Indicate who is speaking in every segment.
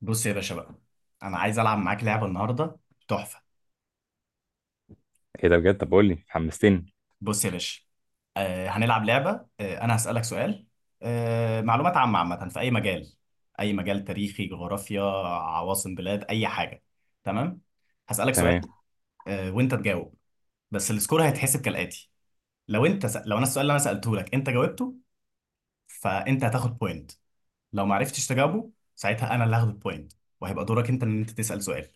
Speaker 1: بص يا باشا بقى. انا عايز العب معاك لعبه النهارده، تحفه.
Speaker 2: ايه ده بجد؟ طب قول لي، حمستني.
Speaker 1: بص يا باشا، هنلعب لعبه. انا هسالك سؤال. معلومات عامه، عامه في اي مجال. اي مجال تاريخي، جغرافيا، عواصم بلاد، اي حاجه. تمام. هسالك
Speaker 2: تمام،
Speaker 1: سؤال وانت تجاوب. بس السكور هيتحسب كالاتي: لو انا السؤال اللي انا سالته لك انت جاوبته، فانت هتاخد بوينت. لو ما عرفتش تجاوبه، ساعتها انا اللي هاخد البوينت. وهيبقى دورك انت ان انت تسال سؤال.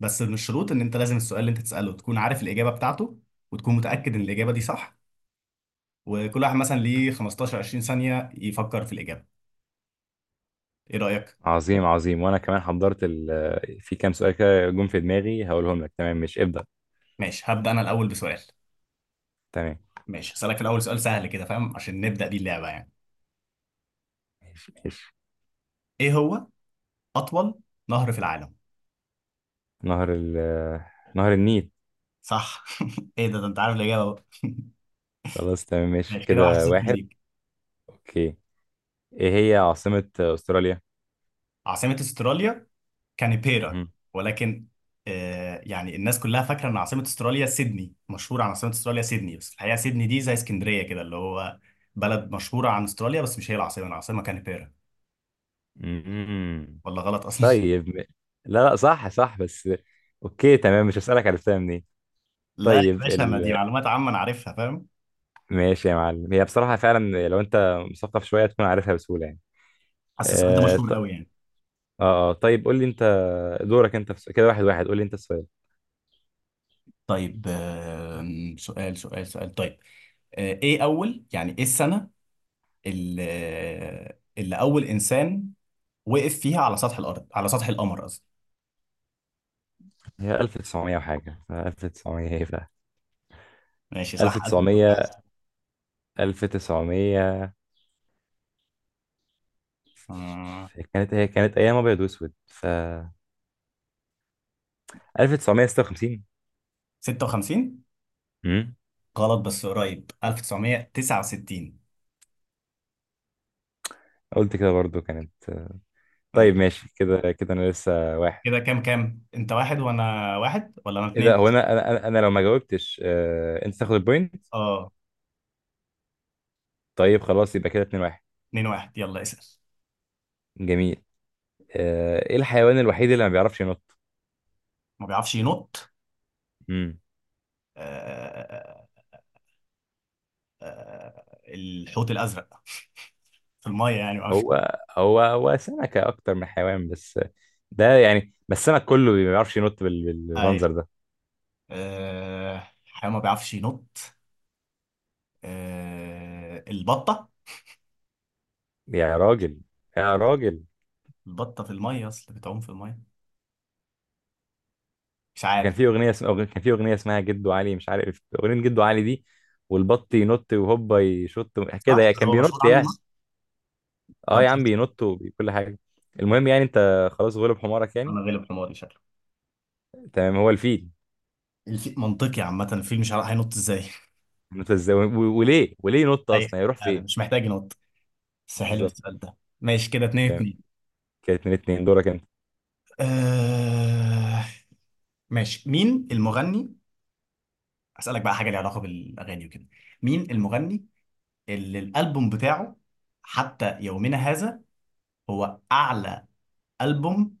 Speaker 1: بس من الشروط ان انت لازم السؤال اللي انت تساله تكون عارف الاجابه بتاعته، وتكون متاكد ان الاجابه دي صح. وكل واحد مثلا ليه 15 20 ثانيه يفكر في الاجابه. ايه رايك؟
Speaker 2: عظيم عظيم. وانا كمان حضرت في كام سؤال كده جم في دماغي هقولهم لك. تمام، مش ابدأ؟
Speaker 1: ماشي، هبدا انا الاول بسؤال.
Speaker 2: تمام،
Speaker 1: ماشي، هسالك في الاول سؤال سهل كده، فاهم، عشان نبدا بيه اللعبه يعني.
Speaker 2: ماشي ماشي.
Speaker 1: ايه هو اطول نهر في العالم؟
Speaker 2: نهر ال... نهر النيل.
Speaker 1: صح. ايه ده، انت عارف الاجابه بقى.
Speaker 2: خلاص تمام، ماشي
Speaker 1: ماشي كده
Speaker 2: كده
Speaker 1: 1-0
Speaker 2: واحد.
Speaker 1: ليك.
Speaker 2: اوكي، ايه هي عاصمة استراليا؟
Speaker 1: عاصمة استراليا كانبيرا.
Speaker 2: مهم.
Speaker 1: ولكن يعني الناس كلها فاكرة ان عاصمة استراليا سيدني، مشهورة عن عاصمة استراليا سيدني، بس الحقيقة سيدني دي زي اسكندرية كده، اللي هو بلد مشهورة عن استراليا بس مش هي العاصمة. العاصمة كانبيرا.
Speaker 2: مهم.
Speaker 1: ولا غلط اصلا؟
Speaker 2: طيب م- لا لا، صح صح، بس اوكي تمام، مش هسألك عرفتها منين.
Speaker 1: لا يا
Speaker 2: طيب
Speaker 1: باشا، ما دي
Speaker 2: ال...
Speaker 1: معلومات عامة انا عارفها، فاهم.
Speaker 2: ماشي يا معلم، هي بصراحة فعلا لو انت مثقف شوية تكون عارفها بسهولة يعني.
Speaker 1: حاسس السؤال ده
Speaker 2: آه،
Speaker 1: مشهور قوي يعني.
Speaker 2: اه اه، طيب قول لي انت، دورك انت في كده واحد واحد، قول لي انت السؤال.
Speaker 1: طيب، سؤال سؤال سؤال، طيب. ايه السنة اللي, اللي اول انسان وقف فيها على سطح الارض، على سطح القمر قصدي.
Speaker 2: هي 1900 وحاجه، ف 1900 ايه بقى؟
Speaker 1: ماشي صح. ألف وتسعمية.
Speaker 2: 1900. 1900
Speaker 1: آه.
Speaker 2: هي كانت ايام ابيض واسود، ف 1956.
Speaker 1: 56.
Speaker 2: امم
Speaker 1: غلط بس قريب. 1969.
Speaker 2: قلت كده برضو كانت. طيب
Speaker 1: ماشي
Speaker 2: ماشي كده كده انا لسه واحد.
Speaker 1: كده كام كام؟ انت واحد وانا واحد ولا انا
Speaker 2: ايه
Speaker 1: اتنين؟
Speaker 2: ده، هو انا انا انا أنا لو ما جاوبتش، انت تاخد البوينت.
Speaker 1: اه.
Speaker 2: طيب خلاص، يبقى كده 2-1.
Speaker 1: اتنين واحد يلا اسأل.
Speaker 2: جميل. ايه الحيوان الوحيد اللي ما بيعرفش ينط؟
Speaker 1: ما بيعرفش ينط.
Speaker 2: امم
Speaker 1: آه آه الحوت الازرق. في المية يعني ما بيعرفش.
Speaker 2: هو سمكة أكتر من حيوان بس، ده يعني. بس السمك كله ما بيعرفش ينط بال-
Speaker 1: اي.
Speaker 2: بالمنظر ده.
Speaker 1: حيوان ما بيعرفش ينط. البطة.
Speaker 2: يا راجل، يا راجل،
Speaker 1: البطة في المية اصل بتعوم في المية. مش
Speaker 2: ده
Speaker 1: عارف.
Speaker 2: كان في أغنية اسمها جدو علي. مش عارف أغنية جدو علي دي؟ والبط ينط وهوبا يشط، كده
Speaker 1: صح،
Speaker 2: يعني كان
Speaker 1: هو
Speaker 2: بينط
Speaker 1: مشهور عنه ده؟
Speaker 2: يعني. اه
Speaker 1: طب.
Speaker 2: يا عم، بينط وكل حاجة. المهم يعني أنت خلاص غلب حمارك يعني.
Speaker 1: انا غالب حماري شكلي.
Speaker 2: تمام، هو الفيل.
Speaker 1: منطقي عامة، الفيل مش عارف هينط ازاي.
Speaker 2: انت ازاي وليه ينط
Speaker 1: ايوه.
Speaker 2: أصلا؟ يروح
Speaker 1: انا
Speaker 2: فين؟
Speaker 1: مش محتاج ينط. بس حلو
Speaker 2: بالظبط.
Speaker 1: السؤال ده. ماشي كده اتنين
Speaker 2: تمام،
Speaker 1: اتنين.
Speaker 2: كانت من اتنين. دورك أنت.
Speaker 1: آه... ماشي، مين المغني. اسألك بقى حاجة ليها علاقة بالأغاني وكده. مين المغني اللي الألبوم بتاعه حتى يومنا هذا هو أعلى ألبوم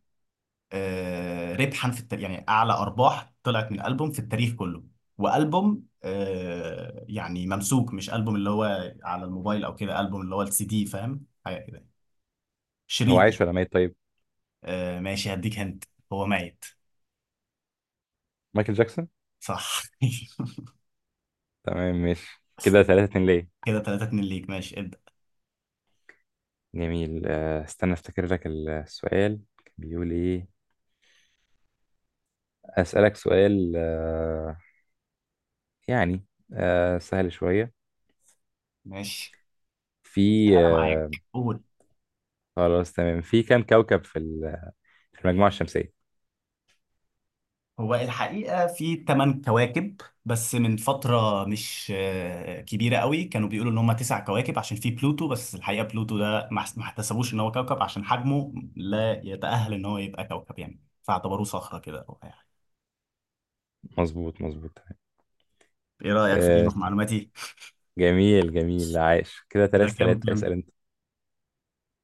Speaker 1: ربحا في التاريخ، يعني أعلى أرباح طلعت من ألبوم في التاريخ كله. وألبوم يعني ممسوك، مش ألبوم اللي هو على الموبايل أو كده، ألبوم اللي هو السي دي، فاهم حاجة كده،
Speaker 2: هو
Speaker 1: شريط.
Speaker 2: عايش ولا ميت طيب؟
Speaker 1: ماشي، هديك. هنت. هو ميت.
Speaker 2: مايكل جاكسون.
Speaker 1: صح.
Speaker 2: تمام، ماشي كده 3-2 ليه.
Speaker 1: كده تلاتة اتنين ليك. ماشي ابدأ.
Speaker 2: جميل. استنى افتكر لك السؤال كان بيقول ايه. اسألك سؤال، يعني سهل شوية.
Speaker 1: ماشي،
Speaker 2: في
Speaker 1: أنا معاك،
Speaker 2: آه،
Speaker 1: قول.
Speaker 2: خلاص تمام، في كم كوكب في في المجموعة الشمسية؟
Speaker 1: هو الحقيقة في تمن كواكب. بس من فترة مش كبيرة قوي، كانوا بيقولوا إن هما تسع كواكب عشان في بلوتو. بس الحقيقة بلوتو ده ما احتسبوش إن هو كوكب عشان حجمه لا يتأهل إن هو يبقى كوكب يعني، فاعتبروه صخرة كده أو أي حاجة.
Speaker 2: مظبوط مظبوط، تمام.
Speaker 1: إيه رأيك في
Speaker 2: آه،
Speaker 1: في معلوماتي؟
Speaker 2: جميل جميل، عايش. كده
Speaker 1: كده
Speaker 2: ثلاثة
Speaker 1: كام
Speaker 2: ثلاثة
Speaker 1: كام؟
Speaker 2: اسأل انت.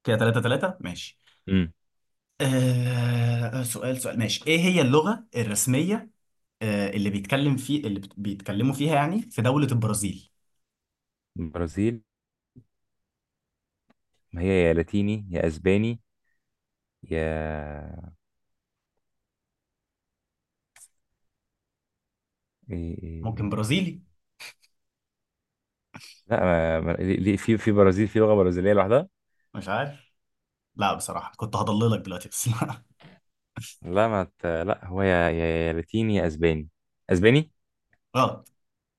Speaker 1: كده تلاتة تلاتة ماشي.
Speaker 2: امم
Speaker 1: سؤال سؤال، ماشي. ايه هي اللغة الرسمية اللي بيتكلم في، بيتكلموا فيها يعني، في دولة البرازيل؟
Speaker 2: البرازيل، ما هي يا لاتيني يا اسباني، يا
Speaker 1: ممكن
Speaker 2: إيه.
Speaker 1: برازيلي.
Speaker 2: لا ما... ما... ليه- ليه- في برازيل، في لغة برازيلية لوحدها.
Speaker 1: مش عارف. لا بصراحة كنت هضللك دلوقتي بس لا.
Speaker 2: لا ما ت... لا، هو يا يا لاتيني يا اسباني. اسباني.
Speaker 1: غلط.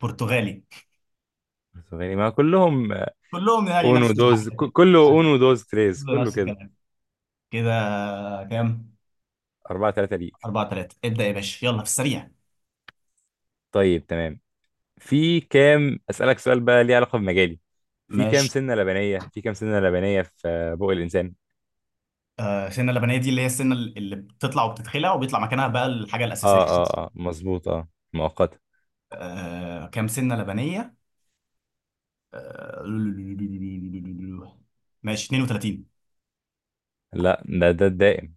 Speaker 1: برتغالي.
Speaker 2: اسباني، ما كلهم.
Speaker 1: كلهم يعني
Speaker 2: اونو
Speaker 1: نفس الحاجات
Speaker 2: دوز ك-
Speaker 1: يعني.
Speaker 2: كله
Speaker 1: يعني
Speaker 2: اونو دوز تريز،
Speaker 1: كله
Speaker 2: كله
Speaker 1: نفس
Speaker 2: كده.
Speaker 1: الكلام. كده كام؟
Speaker 2: 4-3 ليك.
Speaker 1: أربعة تلاتة. ابدأ يا باشا يلا في السريع.
Speaker 2: طيب تمام، في كام أسألك سؤال بقى ليه علاقة بمجالي.
Speaker 1: ماشي.
Speaker 2: في كام سنة لبنية في بق الإنسان؟
Speaker 1: السنة اللبنية دي اللي هي السنة اللي بتطلع وبتتخلع وبيطلع مكانها بقى الحاجة الأساسية.
Speaker 2: اه اه اه، مظبوط اه، مؤقتة.
Speaker 1: كام سنة لبنية؟ آه، ماشي 32.
Speaker 2: لا، ده الدائم.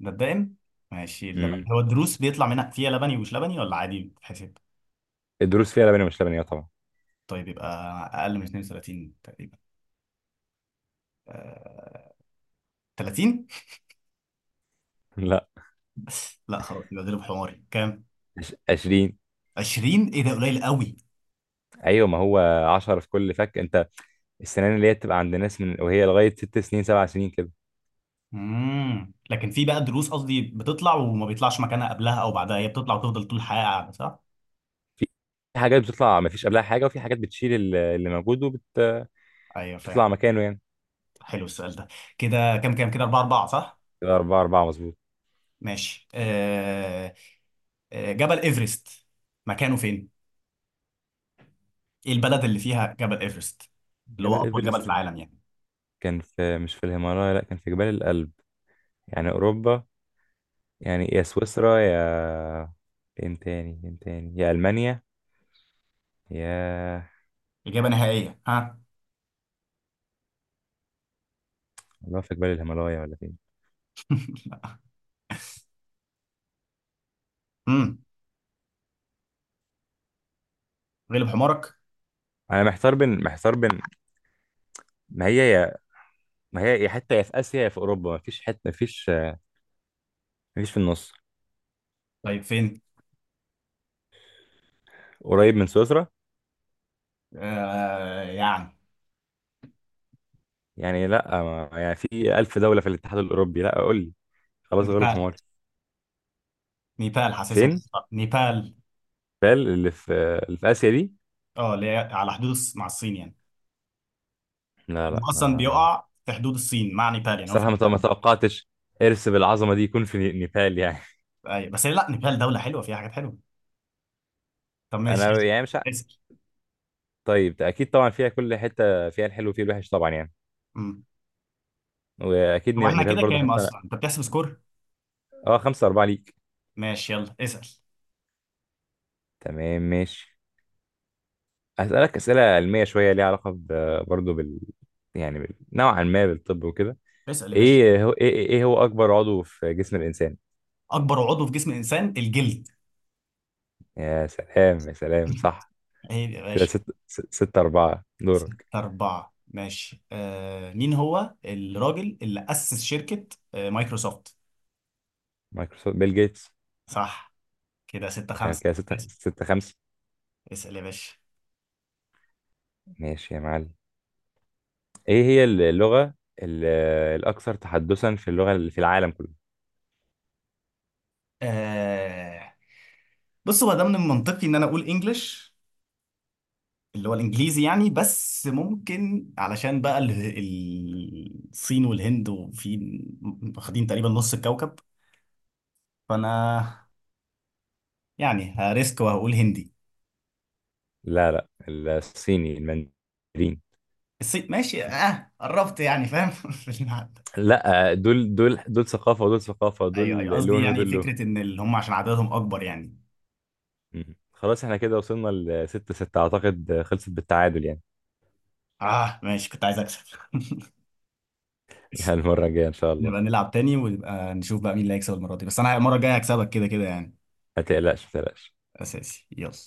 Speaker 1: ده الدائم؟ ماشي. اللبن
Speaker 2: مم.
Speaker 1: هو الدروس بيطلع منها فيها لبني ومش لبني ولا عادي بتتحسب؟
Speaker 2: الدروس فيها لبنية مش لبنية طبعا.
Speaker 1: طيب يبقى اقل من 32 تقريبا. آه، 30.
Speaker 2: لا،
Speaker 1: لا خلاص، يبقى ضرب حماري. كام؟
Speaker 2: 20.
Speaker 1: 20؟ ايه ده قليل قوي.
Speaker 2: ايوه ما هو 10 في كل فك. انت، السنان اللي هي بتبقى عند ناس من وهي لغايه 6 سنين 7 سنين كده.
Speaker 1: امم، لكن في بقى دروس قصدي بتطلع وما بيطلعش مكانها قبلها او بعدها، هي بتطلع وتفضل طول الحياه قاعده صح؟
Speaker 2: في حاجات بتطلع ما فيش قبلها حاجه، وفي حاجات بتشيل اللي موجود وبتطلع
Speaker 1: ايوه فاهم.
Speaker 2: مكانه يعني.
Speaker 1: حلو السؤال ده. كده كام كام؟ كده 4 4 صح؟
Speaker 2: كده 4-4، مظبوط.
Speaker 1: ماشي، جبل ايفرست مكانه فين؟ ايه البلد اللي فيها جبل ايفرست؟ اللي هو
Speaker 2: جبل
Speaker 1: اطول جبل في
Speaker 2: إيفرست
Speaker 1: العالم يعني.
Speaker 2: كان في، مش في الهيمالايا، لأ كان في جبال الألب. يعني أوروبا، يعني يا سويسرا، يا فين تاني فين تاني، يا ألمانيا، يا...
Speaker 1: اجابه نهائيه، ها؟
Speaker 2: والله في جبال الهيمالايا ولا فين.
Speaker 1: امم. غلب حمارك.
Speaker 2: أنا محتار بين، ما هي يا ما هي يا حتة، يا في آسيا يا في أوروبا، ما فيش حتة، ما فيش في النص.
Speaker 1: طيب فين؟
Speaker 2: قريب من سويسرا.
Speaker 1: يعني
Speaker 2: يعني لأ، يعني في ألف دولة في الاتحاد الأوروبي؟ لأ، قول لي، خلاص غلب
Speaker 1: نيبال.
Speaker 2: حمار.
Speaker 1: نيبال حاسسها
Speaker 2: فين؟
Speaker 1: مخططة. نيبال.
Speaker 2: بال اللي في آسيا دي.
Speaker 1: اه اللي هي على حدود مع الصين يعني.
Speaker 2: لا لا،
Speaker 1: هو اصلا
Speaker 2: ما
Speaker 1: بيقع في حدود الصين مع نيبال يعني، هو في.
Speaker 2: بصراحة، ما توقعتش إرث بالعظمة دي يكون في نيبال يعني
Speaker 1: أيوة. بس لا نيبال دوله حلوه فيها حاجات حلوه. طب ماشي
Speaker 2: أنا
Speaker 1: يلا.
Speaker 2: يعني مش.
Speaker 1: اسال.
Speaker 2: طيب أكيد طبعا فيها، كل حتة فيها الحلو وفيها الوحش طبعا يعني.
Speaker 1: امم.
Speaker 2: وأكيد
Speaker 1: هو
Speaker 2: ني-
Speaker 1: احنا
Speaker 2: نيبال
Speaker 1: كده
Speaker 2: برضو
Speaker 1: كام
Speaker 2: حتى.
Speaker 1: اصلا؟ انت بتحسب سكور؟
Speaker 2: أه، 5-4 ليك.
Speaker 1: ماشي يلا اسال.
Speaker 2: تمام ماشي، هسألك أسئلة علمية شوية ليها علاقة برضو. يعني نوعا ما بالطب وكده.
Speaker 1: اسال يا باشا.
Speaker 2: إيه هو أكبر عضو في جسم الإنسان؟
Speaker 1: اكبر عضو في جسم الانسان الجلد.
Speaker 2: يا سلام يا سلام، صح.
Speaker 1: عيب يا
Speaker 2: كده
Speaker 1: باشا.
Speaker 2: 6-4،
Speaker 1: ستة
Speaker 2: دورك.
Speaker 1: أربعة ماشي. مين هو الراجل اللي أسس شركة مايكروسوفت؟
Speaker 2: مايكروسوفت، بيل جيتس.
Speaker 1: صح. كده ستة
Speaker 2: تمام
Speaker 1: خمسة
Speaker 2: كده ستة
Speaker 1: اسأل.
Speaker 2: ستة خمسة.
Speaker 1: اسأل يا باشا.
Speaker 2: ماشي يا معلم، ايه هي اللغة ال- الأكثر تحدثا في اللغة اللي في العالم كله؟
Speaker 1: آه بص، هو ده من المنطقي إن أنا أقول إنجلش، اللي هو الإنجليزي يعني. بس ممكن علشان بقى الصين والهند وفي، واخدين تقريبا نص الكوكب. فأنا يعني هريسك وهقول هندي.
Speaker 2: لا لا، الصيني المندرين.
Speaker 1: الصين ماشي، اه قربت يعني فاهم. في الميعاد.
Speaker 2: لا، دول ثقافة ودول ثقافة،
Speaker 1: ايوه
Speaker 2: دول
Speaker 1: ايوه، قصدي
Speaker 2: لون
Speaker 1: يعني
Speaker 2: ودول لون.
Speaker 1: فكره ان اللي هم عشان عددهم اكبر يعني.
Speaker 2: مم. خلاص احنا كده وصلنا لستة ستة، أعتقد خلصت بالتعادل يعني.
Speaker 1: اه ماشي، كنت عايز اكسب.
Speaker 2: المرة الجاية إن شاء الله.
Speaker 1: نبقى نلعب تاني، ونبقى نشوف بقى مين اللي هيكسب المره دي. بس انا المره الجايه هكسبك كده كده يعني.
Speaker 2: ما تقلقش ما تقلقش.
Speaker 1: اساسي يلا.